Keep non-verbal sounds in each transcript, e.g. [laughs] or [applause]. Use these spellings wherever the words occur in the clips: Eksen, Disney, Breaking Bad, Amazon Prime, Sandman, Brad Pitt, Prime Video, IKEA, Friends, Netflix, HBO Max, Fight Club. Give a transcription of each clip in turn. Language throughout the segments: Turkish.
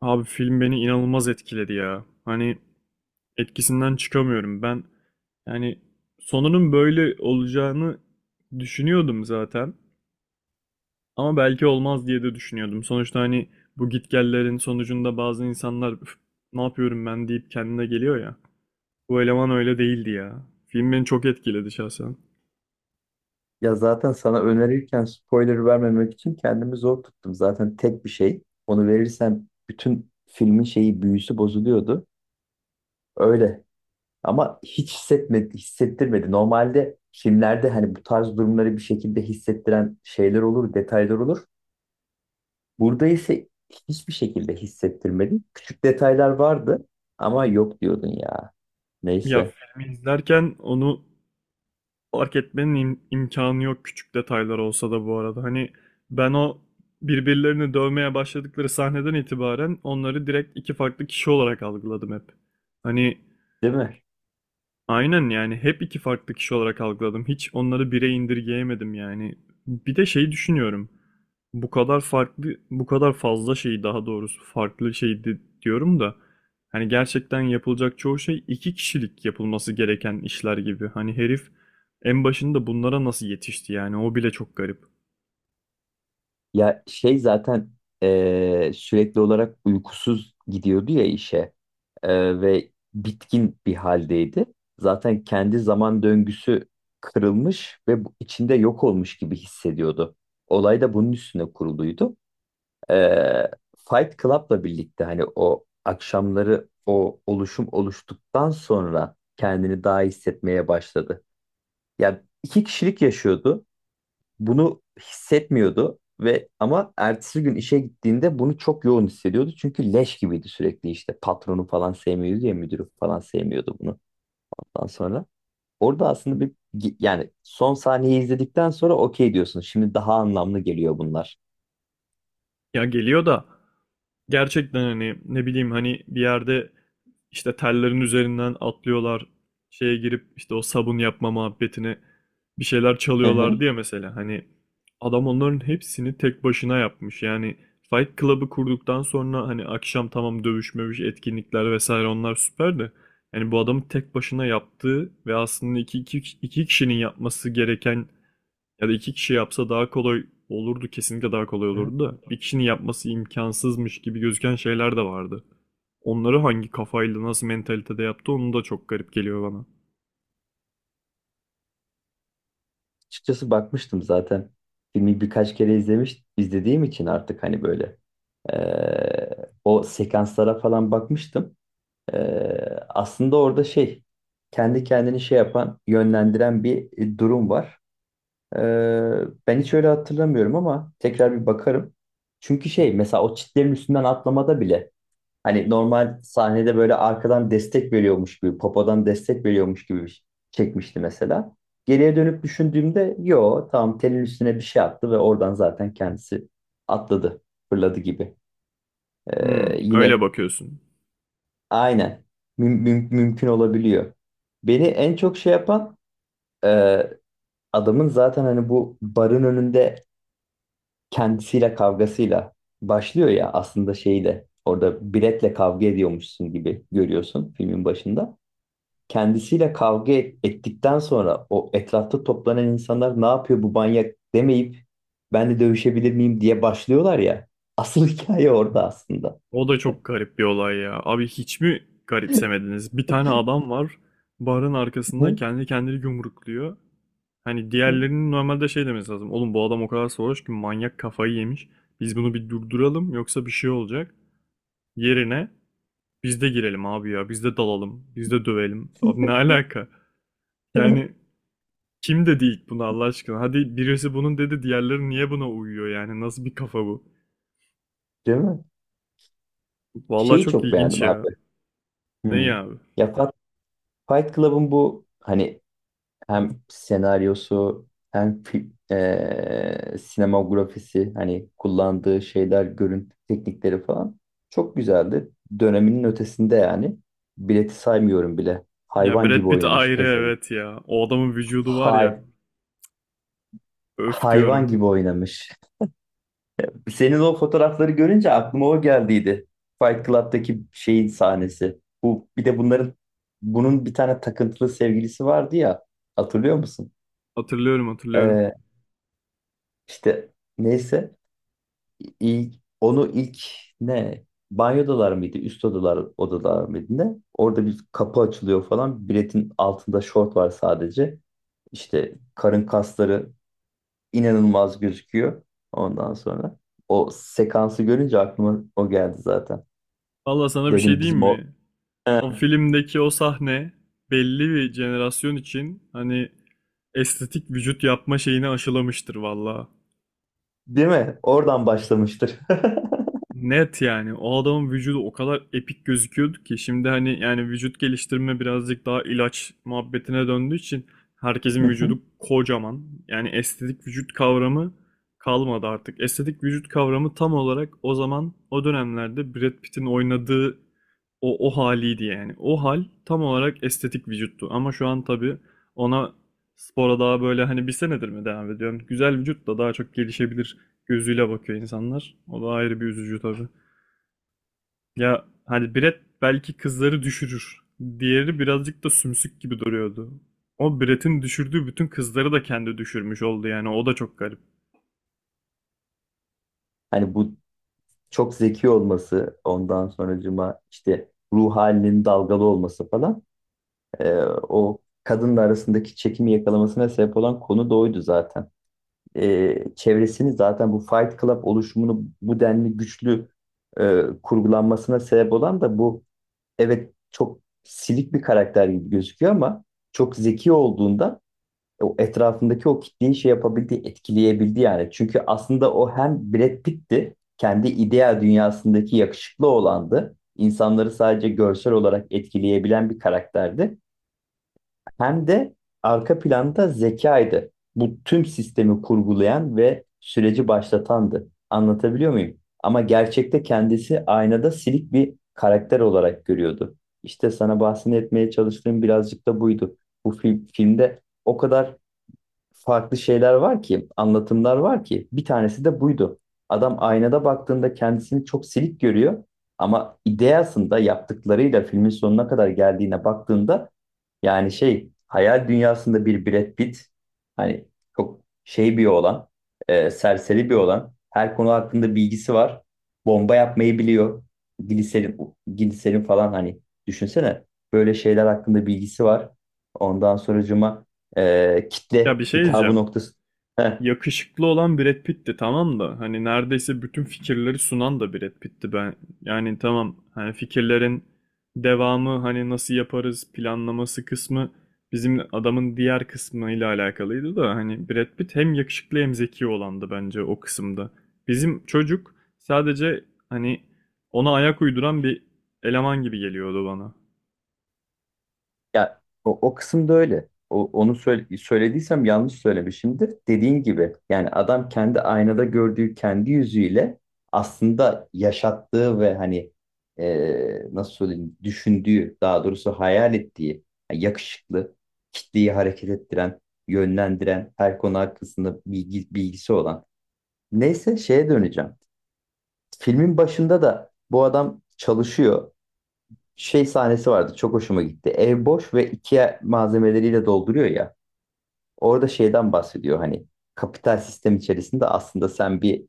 Abi film beni inanılmaz etkiledi ya. Hani etkisinden çıkamıyorum. Ben yani sonunun böyle olacağını düşünüyordum zaten. Ama belki olmaz diye de düşünüyordum. Sonuçta hani bu gitgellerin sonucunda bazı insanlar "Üf, ne yapıyorum ben deyip kendine geliyor ya. Bu eleman öyle değildi ya. Film beni çok etkiledi şahsen. Ya zaten sana önerirken spoiler vermemek için kendimi zor tuttum. Zaten tek bir şey. Onu verirsem bütün filmin büyüsü bozuluyordu. Öyle. Ama hiç hissetmedi, hissettirmedi. Normalde filmlerde hani bu tarz durumları bir şekilde hissettiren şeyler olur, detaylar olur. Burada ise hiçbir şekilde hissettirmedi. Küçük detaylar vardı ama yok diyordun ya. Ya Neyse, filmi izlerken onu fark etmenin imkanı yok küçük detaylar olsa da bu arada. Hani ben o birbirlerini dövmeye başladıkları sahneden itibaren onları direkt iki farklı kişi olarak algıladım hep. Hani değil mi? aynen yani hep iki farklı kişi olarak algıladım. Hiç onları bire indirgeyemedim yani. Bir de şey düşünüyorum. Bu kadar farklı, bu kadar fazla şeyi daha doğrusu farklı diyorum da hani gerçekten yapılacak çoğu şey iki kişilik yapılması gereken işler gibi. Hani herif en başında bunlara nasıl yetişti yani o bile çok garip. Ya şey zaten sürekli olarak uykusuz gidiyordu ya işe. Ve bitkin bir haldeydi. Zaten kendi zaman döngüsü kırılmış ve içinde yok olmuş gibi hissediyordu. Olay da bunun üstüne kuruluydu. Eee, Fight Club'la birlikte hani o akşamları o oluşum oluştuktan sonra kendini daha iyi hissetmeye başladı. Ya iki kişilik yaşıyordu, bunu hissetmiyordu ve ama ertesi gün işe gittiğinde bunu çok yoğun hissediyordu. Çünkü leş gibiydi sürekli, işte patronu falan sevmiyordu ya, müdürü falan sevmiyordu bunu. Ondan sonra orada aslında bir, yani son sahneyi izledikten sonra okey diyorsun. Şimdi daha anlamlı geliyor bunlar. Ya geliyor da gerçekten hani ne bileyim hani bir yerde işte tellerin üzerinden atlıyorlar şeye girip işte o sabun yapma muhabbetine bir şeyler Hı çalıyorlar hı. diye mesela hani adam onların hepsini tek başına yapmış yani Fight Club'ı kurduktan sonra hani akşam tamam dövüş mövüş etkinlikler vesaire onlar süper de yani bu adamın tek başına yaptığı ve aslında iki kişinin yapması gereken ya da iki kişi yapsa daha kolay olurdu, kesinlikle daha kolay Hı. olurdu da bir kişinin yapması imkansızmış gibi gözüken şeyler de vardı. Onları hangi kafayla, nasıl mentalitede yaptı onu da çok garip geliyor bana. Açıkçası bakmıştım zaten. Filmi birkaç kere izlediğim için artık hani böyle o sekanslara falan bakmıştım. Ee, Aslında orada şey kendi kendini şey yapan, yönlendiren bir durum var. Ee, Ben hiç öyle hatırlamıyorum ama tekrar bir bakarım. Çünkü şey mesela o çitlerin üstünden atlamada bile hani normal sahnede böyle arkadan destek veriyormuş gibi, popodan destek veriyormuş gibi çekmişti mesela. Geriye dönüp düşündüğümde yo tamam, telin üstüne bir şey attı ve oradan zaten kendisi atladı, fırladı gibi. Hmm, öyle Yine bakıyorsun. aynen. Mümkün olabiliyor. Beni en çok şey yapan, e, adamın zaten hani bu barın önünde kendisiyle kavgasıyla başlıyor ya, aslında şeyi de orada biletle kavga ediyormuşsun gibi görüyorsun filmin başında. Kendisiyle ettikten sonra o etrafta toplanan insanlar ne yapıyor bu manyak demeyip ben de dövüşebilir miyim diye başlıyorlar ya. Asıl [laughs] hikaye orada aslında. O da çok garip bir olay ya. Abi hiç mi garipsemediniz? Bir tane adam var, barın arkasında [laughs] kendi kendini yumrukluyor. Hani diğerlerinin normalde şey demesi lazım. Oğlum bu adam o kadar sarhoş ki manyak kafayı yemiş. Biz bunu bir durduralım yoksa bir şey olacak. Yerine biz de girelim abi ya. Biz de dalalım. Biz de dövelim. Abi ne alaka? Yani kim dedi ilk bunu Allah aşkına? Hadi birisi bunun dedi diğerleri niye buna uyuyor yani? Nasıl bir kafa bu? Değil mi? Vallahi Şeyi çok çok ilginç beğendim abi. ya. Ne Hmm. ya abi? Ya Fa- Fight Club'ın bu hani hem senaryosu hem sinemografisi, hani kullandığı şeyler, görüntü teknikleri falan çok güzeldi. Döneminin ötesinde yani. Bileti saymıyorum bile. Ya Hayvan Brad gibi Pitt oynamış ayrı pezevenk. evet ya. O adamın vücudu var ya. Hay Öf hayvan diyorum. gibi oynamış. Senin o fotoğrafları görünce aklıma o geldiydi. Fight Club'daki şeyin sahnesi. Bu bir de bunların bunun bir tane takıntılı sevgilisi vardı ya. Hatırlıyor musun? Hatırlıyorum, hatırlıyorum. Ee, işte neyse, ilk ilk ne, banyodalar mıydı? Üst odalar mıydı ne? Orada bir kapı açılıyor falan. Biletin altında şort var sadece. İşte karın kasları inanılmaz gözüküyor. Ondan sonra o sekansı görünce aklıma o geldi zaten. Vallahi sana bir şey Dedim diyeyim bizim o. mi? He, O filmdeki o sahne belli bir jenerasyon için hani estetik vücut yapma şeyini aşılamıştır vallahi. değil mi? Oradan başlamıştır. [laughs] Net yani. O adamın vücudu o kadar epik gözüküyordu ki şimdi hani yani vücut geliştirme birazcık daha ilaç muhabbetine döndüğü için Hı herkesin hı. vücudu kocaman. Yani estetik vücut kavramı kalmadı artık. Estetik vücut kavramı tam olarak o zaman o dönemlerde Brad Pitt'in oynadığı o haliydi yani. O hal tam olarak estetik vücuttu. Ama şu an tabii ona spora daha böyle hani bir senedir mi devam ediyorum? Güzel vücut da daha çok gelişebilir gözüyle bakıyor insanlar. O da ayrı bir üzücü tabii. Ya hani Brett belki kızları düşürür. Diğeri birazcık da sümsük gibi duruyordu. O Brett'in düşürdüğü bütün kızları da kendi düşürmüş oldu yani. O da çok garip. Hani bu çok zeki olması, ondan sonracıma işte ruh halinin dalgalı olması falan, e, o kadınla arasındaki çekimi yakalamasına sebep olan konu da oydu zaten. Çevresini zaten bu Fight Club oluşumunu bu denli güçlü kurgulanmasına sebep olan da bu, evet, çok silik bir karakter gibi gözüküyor ama çok zeki olduğunda, o etrafındaki o kitleyi şey yapabildi, etkileyebildi yani. Çünkü aslında o hem Brad Pitt'ti, kendi ideal dünyasındaki yakışıklı olandı. İnsanları sadece görsel olarak etkileyebilen bir karakterdi. Hem de arka planda zekaydı. Bu tüm sistemi kurgulayan ve süreci başlatandı. Anlatabiliyor muyum? Ama gerçekte kendisi aynada silik bir karakter olarak görüyordu. İşte sana bahsetmeye çalıştığım birazcık da buydu. Filmde o kadar farklı şeyler var ki, anlatımlar var ki. Bir tanesi de buydu. Adam aynada baktığında kendisini çok silik görüyor ama ideasında yaptıklarıyla filmin sonuna kadar geldiğine baktığında, yani şey hayal dünyasında bir Brad Pitt, hani çok şey bir olan, serseri bir olan, her konu hakkında bilgisi var. Bomba yapmayı biliyor. Gliserin falan, hani düşünsene, böyle şeyler hakkında bilgisi var. Ondan sonracıma Ya kitle bir şey hitabı diyeceğim. noktası. Yakışıklı olan Brad Pitt'ti tamam da hani neredeyse bütün fikirleri sunan da Brad Pitt'ti ben yani tamam hani fikirlerin devamı hani nasıl yaparız planlaması kısmı bizim adamın diğer kısmıyla alakalıydı da hani Brad Pitt hem yakışıklı hem zeki olandı bence o kısımda. Bizim çocuk sadece hani ona ayak uyduran bir eleman gibi geliyordu bana. Ya o kısımda öyle. Onu söylediysem yanlış söylemişimdir. Dediğin gibi, yani adam kendi aynada gördüğü kendi yüzüyle aslında yaşattığı ve hani, e, nasıl söyleyeyim, düşündüğü, daha doğrusu hayal ettiği, yani yakışıklı, kitleyi hareket ettiren, yönlendiren, her konu hakkında bilgisi olan. Neyse, şeye döneceğim. Filmin başında da bu adam çalışıyor, şey sahnesi vardı. Çok hoşuma gitti. Ev boş ve IKEA malzemeleriyle dolduruyor ya. Orada şeyden bahsediyor hani: kapital sistem içerisinde aslında sen bir,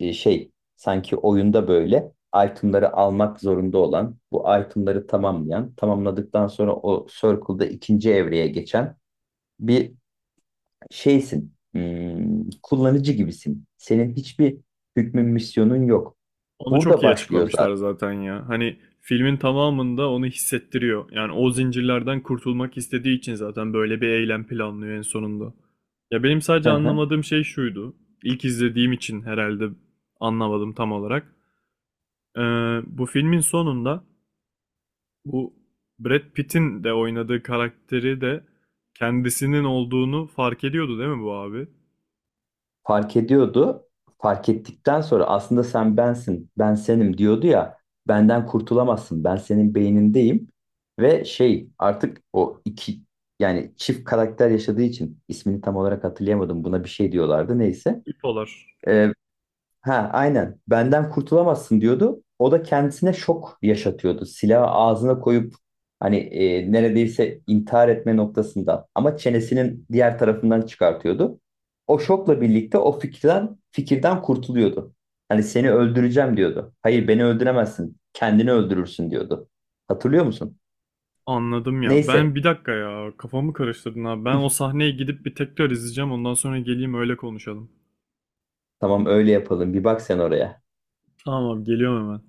şey, sanki oyunda böyle itemları almak zorunda olan, bu itemları tamamlayan, tamamladıktan sonra o circle'da ikinci evreye geçen bir şeysin. Hmm, kullanıcı gibisin. Senin hiçbir hükmün, misyonun yok. Onu çok Burada iyi başlıyor zaten. açıklamışlar zaten ya. Hani filmin tamamında onu hissettiriyor. Yani o zincirlerden kurtulmak istediği için zaten böyle bir eylem planlıyor en sonunda. Ya benim sadece [laughs] anlamadığım şey şuydu. İlk izlediğim için herhalde anlamadım tam olarak. Ee, Bu filmin sonunda bu Brad Pitt'in de oynadığı karakteri de kendisinin olduğunu fark ediyordu değil mi bu abi? Fark ediyordu. Fark ettikten sonra aslında sen bensin, ben senim diyordu ya. Benden kurtulamazsın. Ben senin beynindeyim. Ve şey, artık o iki, yani çift karakter yaşadığı için ismini tam olarak hatırlayamadım. Buna bir şey diyorlardı neyse. İpolar. Ee, Ha, aynen. Benden kurtulamazsın diyordu. O da kendisine şok yaşatıyordu. Silahı ağzına koyup hani, neredeyse intihar etme noktasında ama çenesinin diğer tarafından çıkartıyordu. O şokla birlikte o fikirden kurtuluyordu. Hani seni öldüreceğim diyordu. Hayır, beni öldüremezsin. Kendini öldürürsün diyordu. Hatırlıyor musun? Anladım ya. Neyse. Ben bir dakika ya kafamı karıştırdın abi. Ben Hı, o sahneye gidip bir tekrar izleyeceğim. Ondan sonra geleyim öyle konuşalım. tamam, öyle yapalım. Bir bak sen oraya. Tamam abi geliyorum hemen.